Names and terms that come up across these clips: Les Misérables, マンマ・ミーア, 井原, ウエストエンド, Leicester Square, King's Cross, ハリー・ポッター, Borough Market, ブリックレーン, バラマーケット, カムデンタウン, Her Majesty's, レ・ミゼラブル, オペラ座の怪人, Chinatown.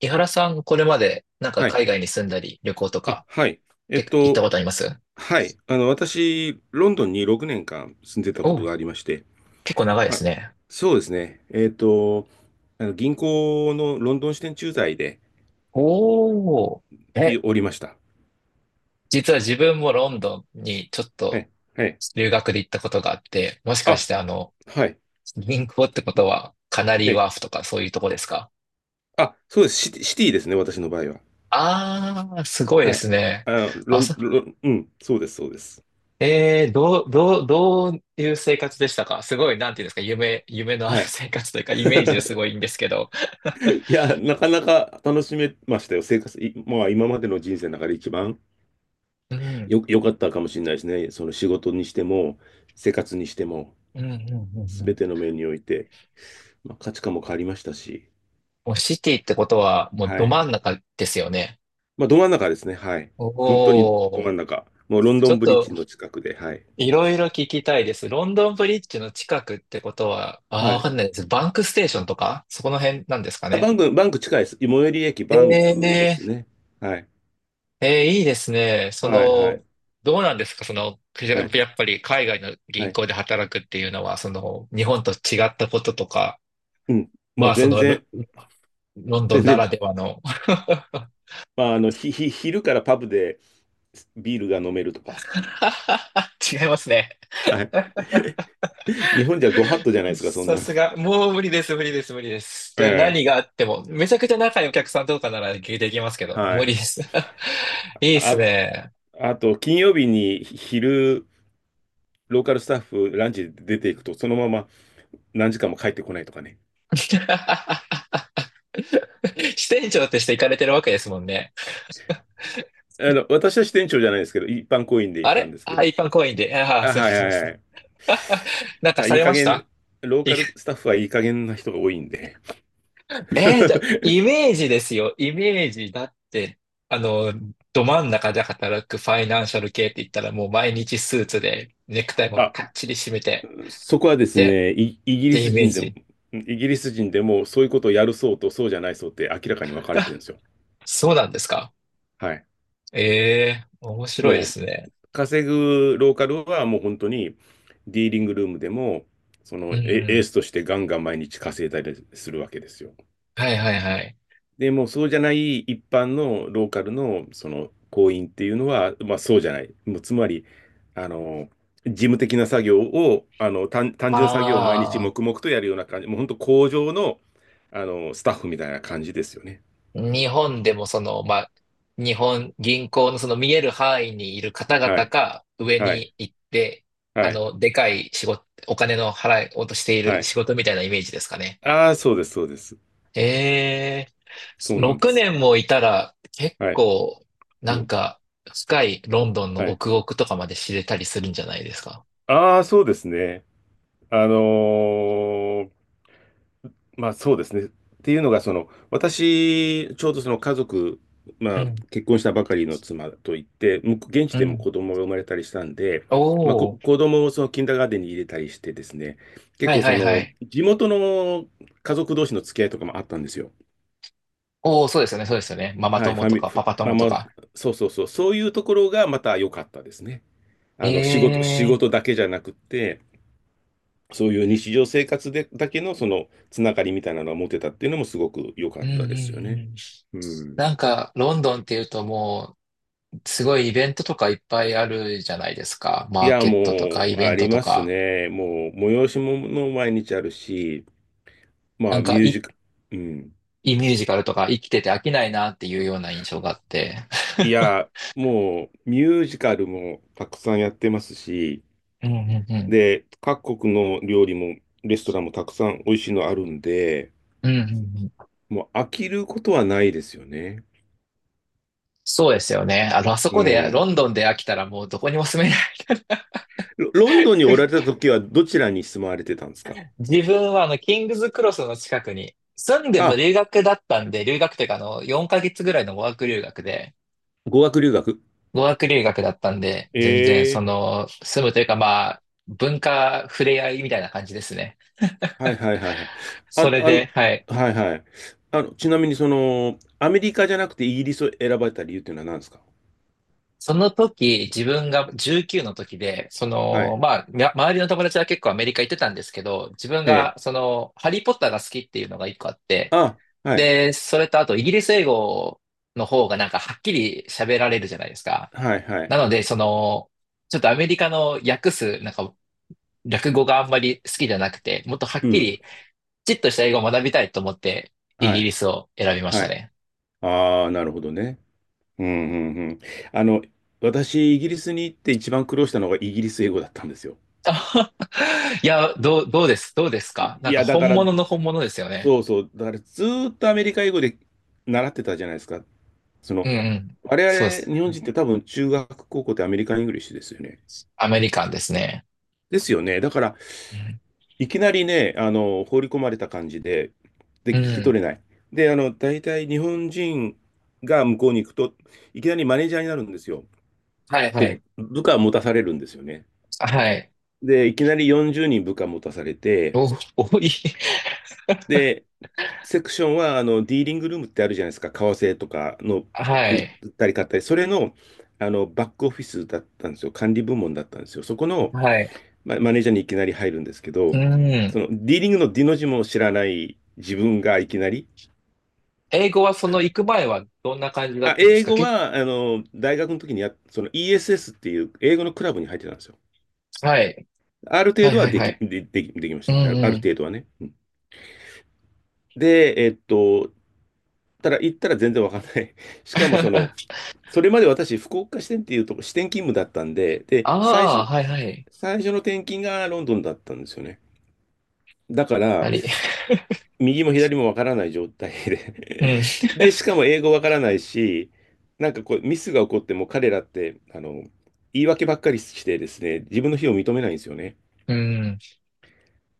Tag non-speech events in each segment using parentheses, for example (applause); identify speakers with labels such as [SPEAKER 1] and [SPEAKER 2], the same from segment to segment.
[SPEAKER 1] 井原さん、これまでなんか
[SPEAKER 2] はい。
[SPEAKER 1] 海外に住んだり旅行と
[SPEAKER 2] あ、
[SPEAKER 1] か
[SPEAKER 2] はい。
[SPEAKER 1] っ
[SPEAKER 2] えっ
[SPEAKER 1] て行った
[SPEAKER 2] と、
[SPEAKER 1] ことあります？
[SPEAKER 2] はい。私、ロンドンに6年間住んでたこ
[SPEAKER 1] お
[SPEAKER 2] と
[SPEAKER 1] う、
[SPEAKER 2] がありまして、
[SPEAKER 1] 結構長いで
[SPEAKER 2] あ、
[SPEAKER 1] すね。
[SPEAKER 2] そうですね。あの銀行のロンドン支店駐在で
[SPEAKER 1] おー。え、
[SPEAKER 2] おりました。
[SPEAKER 1] 実は自分もロンドンにちょっ
[SPEAKER 2] は
[SPEAKER 1] と
[SPEAKER 2] い。はい。
[SPEAKER 1] 留学で行ったことがあって、もしかし
[SPEAKER 2] あ、
[SPEAKER 1] て
[SPEAKER 2] はい。
[SPEAKER 1] 銀行ってことはカナリー
[SPEAKER 2] ね。
[SPEAKER 1] ワーフとかそういうとこですか？
[SPEAKER 2] あ、そうです。シティですね、私の場合は。
[SPEAKER 1] あー、すごいで
[SPEAKER 2] は
[SPEAKER 1] す
[SPEAKER 2] い。
[SPEAKER 1] ね。
[SPEAKER 2] あの、ロ
[SPEAKER 1] あ、
[SPEAKER 2] ン、
[SPEAKER 1] そ、
[SPEAKER 2] ロン、うん、そうです、そうです。
[SPEAKER 1] えー、どう、どう、どういう生活でしたか？すごい、なんていうんですか、夢のある
[SPEAKER 2] はい。
[SPEAKER 1] 生活というか、イメージですごいいいん
[SPEAKER 2] (laughs)
[SPEAKER 1] ですけど。
[SPEAKER 2] いや、なかなか楽しめましたよ。生活、いまあ、今までの人生の中で一番
[SPEAKER 1] (laughs) うん、
[SPEAKER 2] 良かったかもしれないですね。その仕事にしても、生活にしても、
[SPEAKER 1] うん、うん、うん。
[SPEAKER 2] す
[SPEAKER 1] う
[SPEAKER 2] べ
[SPEAKER 1] ん、
[SPEAKER 2] ての面において、まあ、価値観も変わりましたし、
[SPEAKER 1] もうシティってことは、もう
[SPEAKER 2] は
[SPEAKER 1] ど
[SPEAKER 2] い。
[SPEAKER 1] 真ん中ですよね。
[SPEAKER 2] まあ、ど真ん中ですね。はい。本当に
[SPEAKER 1] お
[SPEAKER 2] ど真
[SPEAKER 1] お、
[SPEAKER 2] ん中。もうロンド
[SPEAKER 1] ちょ
[SPEAKER 2] ン
[SPEAKER 1] っ
[SPEAKER 2] ブリッジ
[SPEAKER 1] と
[SPEAKER 2] の近くで、はい。
[SPEAKER 1] いろいろ聞きたいです。ロンドンブリッジの近くってことは、ああ、
[SPEAKER 2] は
[SPEAKER 1] わ
[SPEAKER 2] い。
[SPEAKER 1] かんないです。バンクステーションとか、そこの辺なんですか
[SPEAKER 2] あ、
[SPEAKER 1] ね。
[SPEAKER 2] バンク近いです。最寄り駅バンクで
[SPEAKER 1] え
[SPEAKER 2] す
[SPEAKER 1] え。
[SPEAKER 2] ね。はい。
[SPEAKER 1] いいですね。そ
[SPEAKER 2] はい、は
[SPEAKER 1] の、
[SPEAKER 2] い、
[SPEAKER 1] どうなんですかその、
[SPEAKER 2] はい、
[SPEAKER 1] やっぱり海外の
[SPEAKER 2] は
[SPEAKER 1] 銀
[SPEAKER 2] い。
[SPEAKER 1] 行で働くっていうのは、その、日本と違ったこととか、
[SPEAKER 2] うん。ま
[SPEAKER 1] ま
[SPEAKER 2] あ、
[SPEAKER 1] あ、その、ロンド
[SPEAKER 2] 全
[SPEAKER 1] ンな
[SPEAKER 2] 然、
[SPEAKER 1] らではの。
[SPEAKER 2] まあ、あの、昼からパブでビールが飲めるとか。
[SPEAKER 1] (laughs) 違いますね。
[SPEAKER 2] はい。(laughs) 日本じゃご法度じゃないですか、そん
[SPEAKER 1] さ
[SPEAKER 2] なの。
[SPEAKER 1] すが、もう無理です、無理です、無理です。
[SPEAKER 2] え
[SPEAKER 1] で、
[SPEAKER 2] え。
[SPEAKER 1] 何があっても、めちゃくちゃ仲いいお客さんとかなら聞いていきますけど、
[SPEAKER 2] は
[SPEAKER 1] 無理で
[SPEAKER 2] い。
[SPEAKER 1] す。(laughs) いいっす
[SPEAKER 2] あ、
[SPEAKER 1] ね。
[SPEAKER 2] あと、金曜日に昼、ローカルスタッフランチで出ていくと、そのまま何時間も帰ってこないとかね。
[SPEAKER 1] (laughs) 支店長として行かれてるわけですもんね。
[SPEAKER 2] あの、私は支店長じゃないですけど、一般行員で行っ
[SPEAKER 1] あ
[SPEAKER 2] たん
[SPEAKER 1] れ
[SPEAKER 2] ですけ
[SPEAKER 1] あ、
[SPEAKER 2] ど。
[SPEAKER 1] 一般公員で。ああ、
[SPEAKER 2] あ、
[SPEAKER 1] そういう
[SPEAKER 2] は
[SPEAKER 1] こ
[SPEAKER 2] い
[SPEAKER 1] と
[SPEAKER 2] は
[SPEAKER 1] で
[SPEAKER 2] い
[SPEAKER 1] す
[SPEAKER 2] は
[SPEAKER 1] ね。
[SPEAKER 2] い。
[SPEAKER 1] (laughs) なんか
[SPEAKER 2] まあ
[SPEAKER 1] さ
[SPEAKER 2] いい
[SPEAKER 1] れ
[SPEAKER 2] 加
[SPEAKER 1] まし
[SPEAKER 2] 減、
[SPEAKER 1] た？
[SPEAKER 2] ロー
[SPEAKER 1] い
[SPEAKER 2] カルスタ
[SPEAKER 1] (laughs)
[SPEAKER 2] ッフはいい加減な人が多いんで。
[SPEAKER 1] イ
[SPEAKER 2] (laughs)
[SPEAKER 1] メージですよ。イメージだって、あの、ど真ん中で働くファイナンシャル系って言ったらもう毎日スーツでネクタイも
[SPEAKER 2] あ、
[SPEAKER 1] かっちり締めて、
[SPEAKER 2] そこはです
[SPEAKER 1] で、
[SPEAKER 2] ね、イ、イ
[SPEAKER 1] っ
[SPEAKER 2] ギリ
[SPEAKER 1] てイ
[SPEAKER 2] ス
[SPEAKER 1] メー
[SPEAKER 2] 人でも、
[SPEAKER 1] ジ。
[SPEAKER 2] イギリス人でもそういうことをやる層とそうじゃない層って明らかに分かれてるんですよ。
[SPEAKER 1] そうなんですか。
[SPEAKER 2] はい。
[SPEAKER 1] ええ、面白いで
[SPEAKER 2] もう
[SPEAKER 1] すね。
[SPEAKER 2] 稼ぐローカルはもう本当にディーリングルームでも、その
[SPEAKER 1] うん
[SPEAKER 2] エ
[SPEAKER 1] う
[SPEAKER 2] エー
[SPEAKER 1] ん。
[SPEAKER 2] スとしてガンガン毎日稼いだりするわけですよ。
[SPEAKER 1] はいはいはい。
[SPEAKER 2] でもうそうじゃない一般のローカルのその行員っていうのは、まあそうじゃない。もうつまり、あの、事務的な作業を、あの、単純作業を毎日
[SPEAKER 1] ああ、
[SPEAKER 2] 黙々とやるような感じ、もう本当工場の、あの、スタッフみたいな感じですよね。
[SPEAKER 1] 日本でもその、まあ、日本銀行のその見える範囲にいる方
[SPEAKER 2] は
[SPEAKER 1] 々
[SPEAKER 2] い。
[SPEAKER 1] か上
[SPEAKER 2] はい。
[SPEAKER 1] に行って、
[SPEAKER 2] はい。
[SPEAKER 1] でかい仕事、お金の払いをとしてい
[SPEAKER 2] は
[SPEAKER 1] る
[SPEAKER 2] い。
[SPEAKER 1] 仕事みたいなイメージですかね。
[SPEAKER 2] ああ、そうです、そうです。
[SPEAKER 1] ええ、
[SPEAKER 2] そうなんで
[SPEAKER 1] 6
[SPEAKER 2] すよ。
[SPEAKER 1] 年もいたら結
[SPEAKER 2] はい。
[SPEAKER 1] 構、
[SPEAKER 2] う
[SPEAKER 1] なん
[SPEAKER 2] ん。
[SPEAKER 1] か、深いロンドンの
[SPEAKER 2] はい。
[SPEAKER 1] 奥奥とかまで知れたりするんじゃないですか。
[SPEAKER 2] ああ、そうですね。あのーまあそうですね。っていうのが、その、私、ちょうどその家族、
[SPEAKER 1] う
[SPEAKER 2] まあ
[SPEAKER 1] ん、
[SPEAKER 2] 結婚したばかりの妻といって、向こう現地
[SPEAKER 1] う
[SPEAKER 2] でも
[SPEAKER 1] ん。
[SPEAKER 2] 子供が生まれたりしたんで、まあ
[SPEAKER 1] お
[SPEAKER 2] 子供をそのキンダーガーデンに入れたりしてですね、結
[SPEAKER 1] はい
[SPEAKER 2] 構
[SPEAKER 1] は
[SPEAKER 2] そ
[SPEAKER 1] いは
[SPEAKER 2] の、
[SPEAKER 1] い。
[SPEAKER 2] 地元の家族同士の付き合いとかもあったんですよ。
[SPEAKER 1] おお、そうですよね、そうですよね。ママ
[SPEAKER 2] はい、フ
[SPEAKER 1] 友
[SPEAKER 2] ァ
[SPEAKER 1] と
[SPEAKER 2] ミ、
[SPEAKER 1] か
[SPEAKER 2] ファ
[SPEAKER 1] パパ
[SPEAKER 2] まあ
[SPEAKER 1] 友と
[SPEAKER 2] まあ、
[SPEAKER 1] か。
[SPEAKER 2] そうそうそう、そういうところがまた良かったですね。あの、仕
[SPEAKER 1] え
[SPEAKER 2] 事
[SPEAKER 1] え
[SPEAKER 2] だけじゃなくって、そういう日常生活でだけのそのつながりみたいなのが持てたっていうのもすごく良か
[SPEAKER 1] ー、う
[SPEAKER 2] っ
[SPEAKER 1] ん
[SPEAKER 2] たですよ
[SPEAKER 1] うんう
[SPEAKER 2] ね。
[SPEAKER 1] ん。
[SPEAKER 2] うん。
[SPEAKER 1] なんか、ロンドンっていうともう、すごいイベントとかいっぱいあるじゃないですか。
[SPEAKER 2] い
[SPEAKER 1] マー
[SPEAKER 2] や、
[SPEAKER 1] ケットとか
[SPEAKER 2] も
[SPEAKER 1] イ
[SPEAKER 2] う、
[SPEAKER 1] ベ
[SPEAKER 2] あ
[SPEAKER 1] ント
[SPEAKER 2] り
[SPEAKER 1] と
[SPEAKER 2] ます
[SPEAKER 1] か。
[SPEAKER 2] ね。もう、催し物も毎日あるし、ま
[SPEAKER 1] な
[SPEAKER 2] あ、
[SPEAKER 1] ん
[SPEAKER 2] ミ
[SPEAKER 1] か
[SPEAKER 2] ュー
[SPEAKER 1] い、
[SPEAKER 2] ジカ、うん。
[SPEAKER 1] いいミュージカルとか生きてて飽きないなっていうような印象があって。
[SPEAKER 2] い
[SPEAKER 1] (laughs)
[SPEAKER 2] や、もう、ミュージカルもたくさんやってますし、
[SPEAKER 1] うんうんうん。
[SPEAKER 2] で、各国の料理も、レストランもたくさん美味しいのあるんで、
[SPEAKER 1] うんうんうん。
[SPEAKER 2] もう飽きることはないですよね。
[SPEAKER 1] そうですよね。あの、あそ
[SPEAKER 2] う
[SPEAKER 1] こで、ロン
[SPEAKER 2] ん。
[SPEAKER 1] ドンで飽きたらもうどこにも住めな。
[SPEAKER 2] ロンドンにおられた時はどちらに住まわれてたんですか
[SPEAKER 1] 自分はキングズクロスの近くに、住んでも
[SPEAKER 2] あ？
[SPEAKER 1] 留学だったんで、留学というか4ヶ月ぐらいの語学留学で、
[SPEAKER 2] 語学留学。
[SPEAKER 1] 語学留学だったんで、全然そ
[SPEAKER 2] ええ
[SPEAKER 1] の、住むというかまあ、文化触れ合いみたいな感じですね。
[SPEAKER 2] はいはいはいはい。
[SPEAKER 1] そ
[SPEAKER 2] あ、
[SPEAKER 1] れ
[SPEAKER 2] あ
[SPEAKER 1] で、
[SPEAKER 2] の、
[SPEAKER 1] はい。
[SPEAKER 2] はいはい。あの、ちなみにその、アメリカじゃなくてイギリスを選ばれた理由っていうのは何ですか？
[SPEAKER 1] その時、自分が19の時で、そ
[SPEAKER 2] は
[SPEAKER 1] の、
[SPEAKER 2] い。
[SPEAKER 1] まあ、周りの友達は結構アメリカ行ってたんですけど、自分
[SPEAKER 2] ええ。
[SPEAKER 1] が、その、ハリー・ポッターが好きっていうのが一個あって、
[SPEAKER 2] あ、はい。
[SPEAKER 1] で、それとあと、イギリス英語の方がなんかはっきり喋られるじゃないですか。
[SPEAKER 2] はいはい。
[SPEAKER 1] なので、その、ちょっとアメリカの訳す、なんか、略語があんまり好きじゃなくて、もっとは
[SPEAKER 2] う
[SPEAKER 1] っき
[SPEAKER 2] ん。
[SPEAKER 1] り、きちっとした英語を学びたいと思って、イ
[SPEAKER 2] は
[SPEAKER 1] ギリ
[SPEAKER 2] い。
[SPEAKER 1] スを選びました
[SPEAKER 2] はい。
[SPEAKER 1] ね。
[SPEAKER 2] ああ、なるほどね。うんうんうん。あの、私、イギリスに行って一番苦労したのがイギリス英語だったんですよ。
[SPEAKER 1] あいや、どうですか？な
[SPEAKER 2] い
[SPEAKER 1] んか
[SPEAKER 2] や、だか
[SPEAKER 1] 本
[SPEAKER 2] ら、
[SPEAKER 1] 物の本物ですよね。
[SPEAKER 2] そうそう。だからずーっとアメリカ英語で習ってたじゃないですか。そ
[SPEAKER 1] う
[SPEAKER 2] の、
[SPEAKER 1] んうん。そうで
[SPEAKER 2] 我
[SPEAKER 1] す。
[SPEAKER 2] 々、日本人って多分中学、高校ってアメリカン・イングリッシュですよね。
[SPEAKER 1] アメリカンですね。
[SPEAKER 2] ですよね。だから、
[SPEAKER 1] うん。
[SPEAKER 2] いきなりね、あの、放り込まれた感じで、で、
[SPEAKER 1] う
[SPEAKER 2] 聞き
[SPEAKER 1] ん。
[SPEAKER 2] 取れない。で、あの、大体日本人が向こうに行くと、いきなりマネージャーになるんですよ。
[SPEAKER 1] はいは
[SPEAKER 2] で、
[SPEAKER 1] い。
[SPEAKER 2] 部下持たされるんですよね。
[SPEAKER 1] はい。
[SPEAKER 2] で、いきなり40人部下持たされて、
[SPEAKER 1] お、多い。
[SPEAKER 2] で、セクションは、あの、ディーリングルームってあるじゃないですか。為替とかの
[SPEAKER 1] は
[SPEAKER 2] 売
[SPEAKER 1] い。
[SPEAKER 2] ったり買ったり、それの、あの、バックオフィスだったんですよ。管理部門だったんですよ。そこの、
[SPEAKER 1] はい。
[SPEAKER 2] マネージャーにいきなり入るんですけど、
[SPEAKER 1] う
[SPEAKER 2] そ
[SPEAKER 1] ん。
[SPEAKER 2] のディーリングのディの字も知らない自分がいきなり、
[SPEAKER 1] 英語はその
[SPEAKER 2] は
[SPEAKER 1] 行く前はどんな感じだったんです
[SPEAKER 2] 英
[SPEAKER 1] か
[SPEAKER 2] 語
[SPEAKER 1] け。
[SPEAKER 2] はあの大学の時にその ESS っていう英語のクラブに入ってたんですよ。
[SPEAKER 1] はい。
[SPEAKER 2] ある程
[SPEAKER 1] はい
[SPEAKER 2] 度は
[SPEAKER 1] はい
[SPEAKER 2] で
[SPEAKER 1] は
[SPEAKER 2] き
[SPEAKER 1] い。
[SPEAKER 2] でできできまし
[SPEAKER 1] う
[SPEAKER 2] た。ある
[SPEAKER 1] ん。
[SPEAKER 2] 程度はね。うんで、ただ行ったら全然わかんない。(laughs) しかもその、
[SPEAKER 1] (laughs)
[SPEAKER 2] それまで私、福岡支店っていうとこ、支店勤務だったんで、で、
[SPEAKER 1] ああ、はいはい。
[SPEAKER 2] 最初の転勤がロンドンだったんですよね。だか
[SPEAKER 1] あ
[SPEAKER 2] ら、
[SPEAKER 1] り、
[SPEAKER 2] 右も左もわからない状態
[SPEAKER 1] う
[SPEAKER 2] で
[SPEAKER 1] ん、
[SPEAKER 2] (laughs) で、しかも英語わからないし、なんかこう、ミスが起こっても彼らって、あの、言い訳ばっかりしてですね、自分の非を認めないんですよね。
[SPEAKER 1] うん。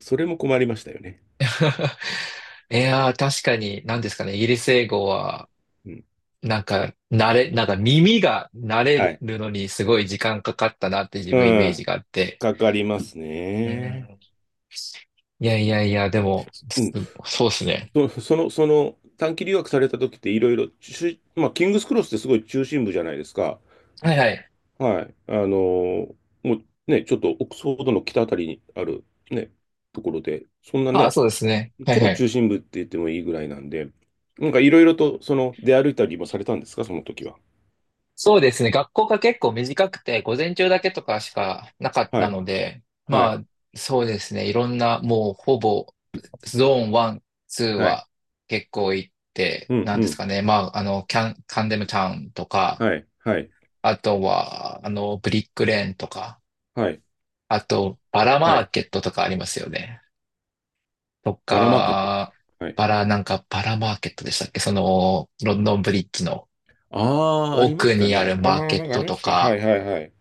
[SPEAKER 2] それも困りましたよね。
[SPEAKER 1] (laughs) いやー、確かに、何ですかね、イギリス英語は、
[SPEAKER 2] うん。
[SPEAKER 1] なんか、なんか耳が慣れ
[SPEAKER 2] はい。
[SPEAKER 1] るのにすごい時間かかったなって自
[SPEAKER 2] う
[SPEAKER 1] 分イメージ
[SPEAKER 2] ん。
[SPEAKER 1] があって。
[SPEAKER 2] かかります
[SPEAKER 1] う
[SPEAKER 2] ね。
[SPEAKER 1] ん。いやいやいや、でも、
[SPEAKER 2] うん。
[SPEAKER 1] そうですね。
[SPEAKER 2] その、短期留学された時っていろいろ、まあ、キングスクロスってすごい中心部じゃないですか。
[SPEAKER 1] はいはい。
[SPEAKER 2] はい。ーもうね、ちょっとオックスフォードの北あたりにある、ね、ところで、そんな
[SPEAKER 1] ああ、
[SPEAKER 2] ね、
[SPEAKER 1] そうですね。はい
[SPEAKER 2] 超
[SPEAKER 1] は
[SPEAKER 2] 中
[SPEAKER 1] い。
[SPEAKER 2] 心部って言ってもいいぐらいなんで、なんかいろいろと、その、出歩いたりもされたんですか、その時は。
[SPEAKER 1] そうですね。学校が結構短くて、午前中だけとかしかなかっ
[SPEAKER 2] は
[SPEAKER 1] た
[SPEAKER 2] い、
[SPEAKER 1] ので、
[SPEAKER 2] は
[SPEAKER 1] ま
[SPEAKER 2] い、
[SPEAKER 1] あ、そうですね。いろんな、もうほぼ、ゾーン1、2
[SPEAKER 2] はい、
[SPEAKER 1] は結構行って、
[SPEAKER 2] うん、
[SPEAKER 1] なん
[SPEAKER 2] う
[SPEAKER 1] です
[SPEAKER 2] ん、
[SPEAKER 1] かね。まあ、あの、キャン、カンデムタウンとか、
[SPEAKER 2] はい、はい、
[SPEAKER 1] あとは、ブリックレーンとか、
[SPEAKER 2] はい、
[SPEAKER 1] あと、バラマ
[SPEAKER 2] は
[SPEAKER 1] ー
[SPEAKER 2] い。
[SPEAKER 1] ケットとかありますよね。と
[SPEAKER 2] バラマーケット。
[SPEAKER 1] か、
[SPEAKER 2] はい。
[SPEAKER 1] バラ、なんか、バラマーケットでしたっけ？その、ロンドンブリッジの
[SPEAKER 2] ああ、ありま
[SPEAKER 1] 奥
[SPEAKER 2] した
[SPEAKER 1] にある
[SPEAKER 2] ね。
[SPEAKER 1] マー
[SPEAKER 2] ああ、
[SPEAKER 1] ケ
[SPEAKER 2] な
[SPEAKER 1] ッ
[SPEAKER 2] んかあ
[SPEAKER 1] ト
[SPEAKER 2] りま
[SPEAKER 1] と
[SPEAKER 2] したね。は
[SPEAKER 1] か、
[SPEAKER 2] い、はい、はい。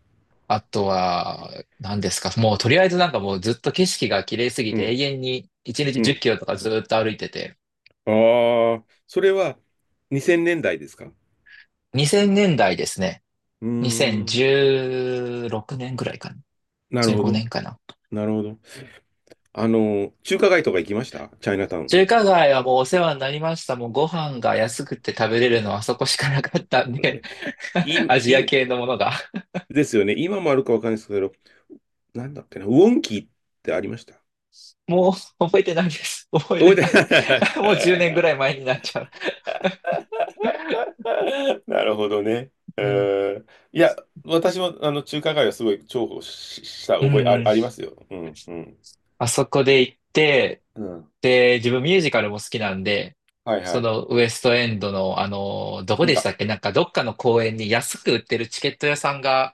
[SPEAKER 1] あとは、何ですか。もうとりあえずなんかもうずっと景色が綺麗すぎ
[SPEAKER 2] う
[SPEAKER 1] て
[SPEAKER 2] ん、
[SPEAKER 1] 永遠に1日
[SPEAKER 2] う
[SPEAKER 1] 10
[SPEAKER 2] ん。
[SPEAKER 1] キロとかずっと歩いてて。
[SPEAKER 2] ああ、それは2000年代ですか？
[SPEAKER 1] 2000年代ですね。
[SPEAKER 2] うーん、
[SPEAKER 1] 2016年ぐらいかな。
[SPEAKER 2] なる
[SPEAKER 1] 15
[SPEAKER 2] ほど、
[SPEAKER 1] 年かな。
[SPEAKER 2] なるほど。あの、中華街とか行きました？チャイナタウン。
[SPEAKER 1] 中華街はもうお世話になりました。もうご飯が安くて食べれるのはあそこしかなかったん
[SPEAKER 2] う
[SPEAKER 1] で、
[SPEAKER 2] ん
[SPEAKER 1] (laughs) アジ
[SPEAKER 2] い
[SPEAKER 1] ア
[SPEAKER 2] い
[SPEAKER 1] 系のものが。
[SPEAKER 2] ですよね。今もあるかわかんないですけど、なんだっけな、ウォンキーってありました？
[SPEAKER 1] もう覚えてないです。覚えて
[SPEAKER 2] 覚え
[SPEAKER 1] な
[SPEAKER 2] て
[SPEAKER 1] い。
[SPEAKER 2] ない。
[SPEAKER 1] (laughs) もう10年ぐらい前になっちゃう。
[SPEAKER 2] (laughs) なるほどね。う
[SPEAKER 1] うん、
[SPEAKER 2] ーんいや、私もあの中華街はすごい重宝した
[SPEAKER 1] う
[SPEAKER 2] 覚え
[SPEAKER 1] んうん。
[SPEAKER 2] ありますよ。うん、うん。
[SPEAKER 1] あそこで行って、
[SPEAKER 2] うん。
[SPEAKER 1] で、自分ミュージカルも好きなんで、
[SPEAKER 2] はいは
[SPEAKER 1] そ
[SPEAKER 2] い。
[SPEAKER 1] のウエストエンドの、どこ
[SPEAKER 2] 見
[SPEAKER 1] でした
[SPEAKER 2] た。
[SPEAKER 1] っけ？なんかどっかの公園に安く売ってるチケット屋さんが、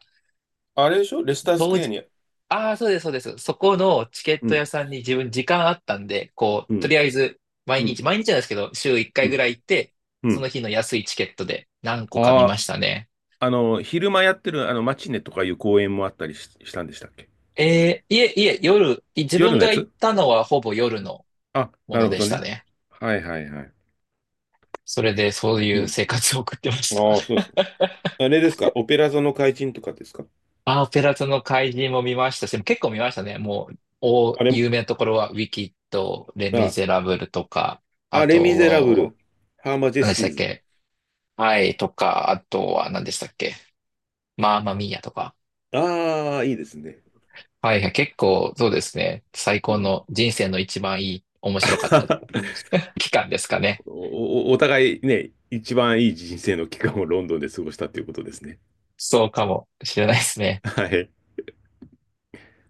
[SPEAKER 2] あれでしょ？レスタース
[SPEAKER 1] 当
[SPEAKER 2] クエア
[SPEAKER 1] 時、
[SPEAKER 2] に。
[SPEAKER 1] ああ、そうです、そうです。そこのチケッ
[SPEAKER 2] う
[SPEAKER 1] ト
[SPEAKER 2] ん、
[SPEAKER 1] 屋さんに自分時間あったんで、こ
[SPEAKER 2] う
[SPEAKER 1] う、とり
[SPEAKER 2] ん、
[SPEAKER 1] あえず、毎
[SPEAKER 2] う
[SPEAKER 1] 日、
[SPEAKER 2] ん、
[SPEAKER 1] 毎日なんですけど、週1
[SPEAKER 2] う
[SPEAKER 1] 回ぐら
[SPEAKER 2] ん、
[SPEAKER 1] い行って、
[SPEAKER 2] う
[SPEAKER 1] その
[SPEAKER 2] ん。
[SPEAKER 1] 日の安いチケットで何個か見
[SPEAKER 2] あ
[SPEAKER 1] ましたね。
[SPEAKER 2] あ、あの、昼間やってるあのマチネとかいう公演もあったりしたんでしたっけ？
[SPEAKER 1] いえ、いえ、自分
[SPEAKER 2] 夜のや
[SPEAKER 1] が行っ
[SPEAKER 2] つ。
[SPEAKER 1] たのはほぼ夜の
[SPEAKER 2] あ、
[SPEAKER 1] も
[SPEAKER 2] な
[SPEAKER 1] の
[SPEAKER 2] るほ
[SPEAKER 1] で
[SPEAKER 2] ど
[SPEAKER 1] した
[SPEAKER 2] ね。
[SPEAKER 1] ね。
[SPEAKER 2] はいはいはい。
[SPEAKER 1] それでそうい
[SPEAKER 2] う
[SPEAKER 1] う
[SPEAKER 2] ん。
[SPEAKER 1] 生活を送ってました。
[SPEAKER 2] ああ、そうですね。あれですかオペラ座の怪人とかですか？
[SPEAKER 1] あ、オペラ座の怪人も見ましたし、結構見ましたね。もう、
[SPEAKER 2] あれ、
[SPEAKER 1] 有名なところは、ウィキッド、レ・ミ
[SPEAKER 2] あ、
[SPEAKER 1] ゼラブルとか、あ
[SPEAKER 2] あれミゼラブ
[SPEAKER 1] と、
[SPEAKER 2] ル、ハーマジェ
[SPEAKER 1] 何で
[SPEAKER 2] ス
[SPEAKER 1] し
[SPEAKER 2] ティ
[SPEAKER 1] た
[SPEAKER 2] ー
[SPEAKER 1] っ
[SPEAKER 2] ズ。
[SPEAKER 1] け？はい、とか、あとは何でしたっけ？マーマミーヤとか。
[SPEAKER 2] ああ、いいですね。
[SPEAKER 1] はいはい、結構、そうですね。最
[SPEAKER 2] う
[SPEAKER 1] 高
[SPEAKER 2] ん。
[SPEAKER 1] の、人生の一番いい、面白かった
[SPEAKER 2] (laughs)
[SPEAKER 1] (laughs) 期間ですかね。
[SPEAKER 2] お、お互いね、一番いい人生の期間をロンドンで過ごしたということですね。
[SPEAKER 1] そうかもしれないですね。
[SPEAKER 2] はい。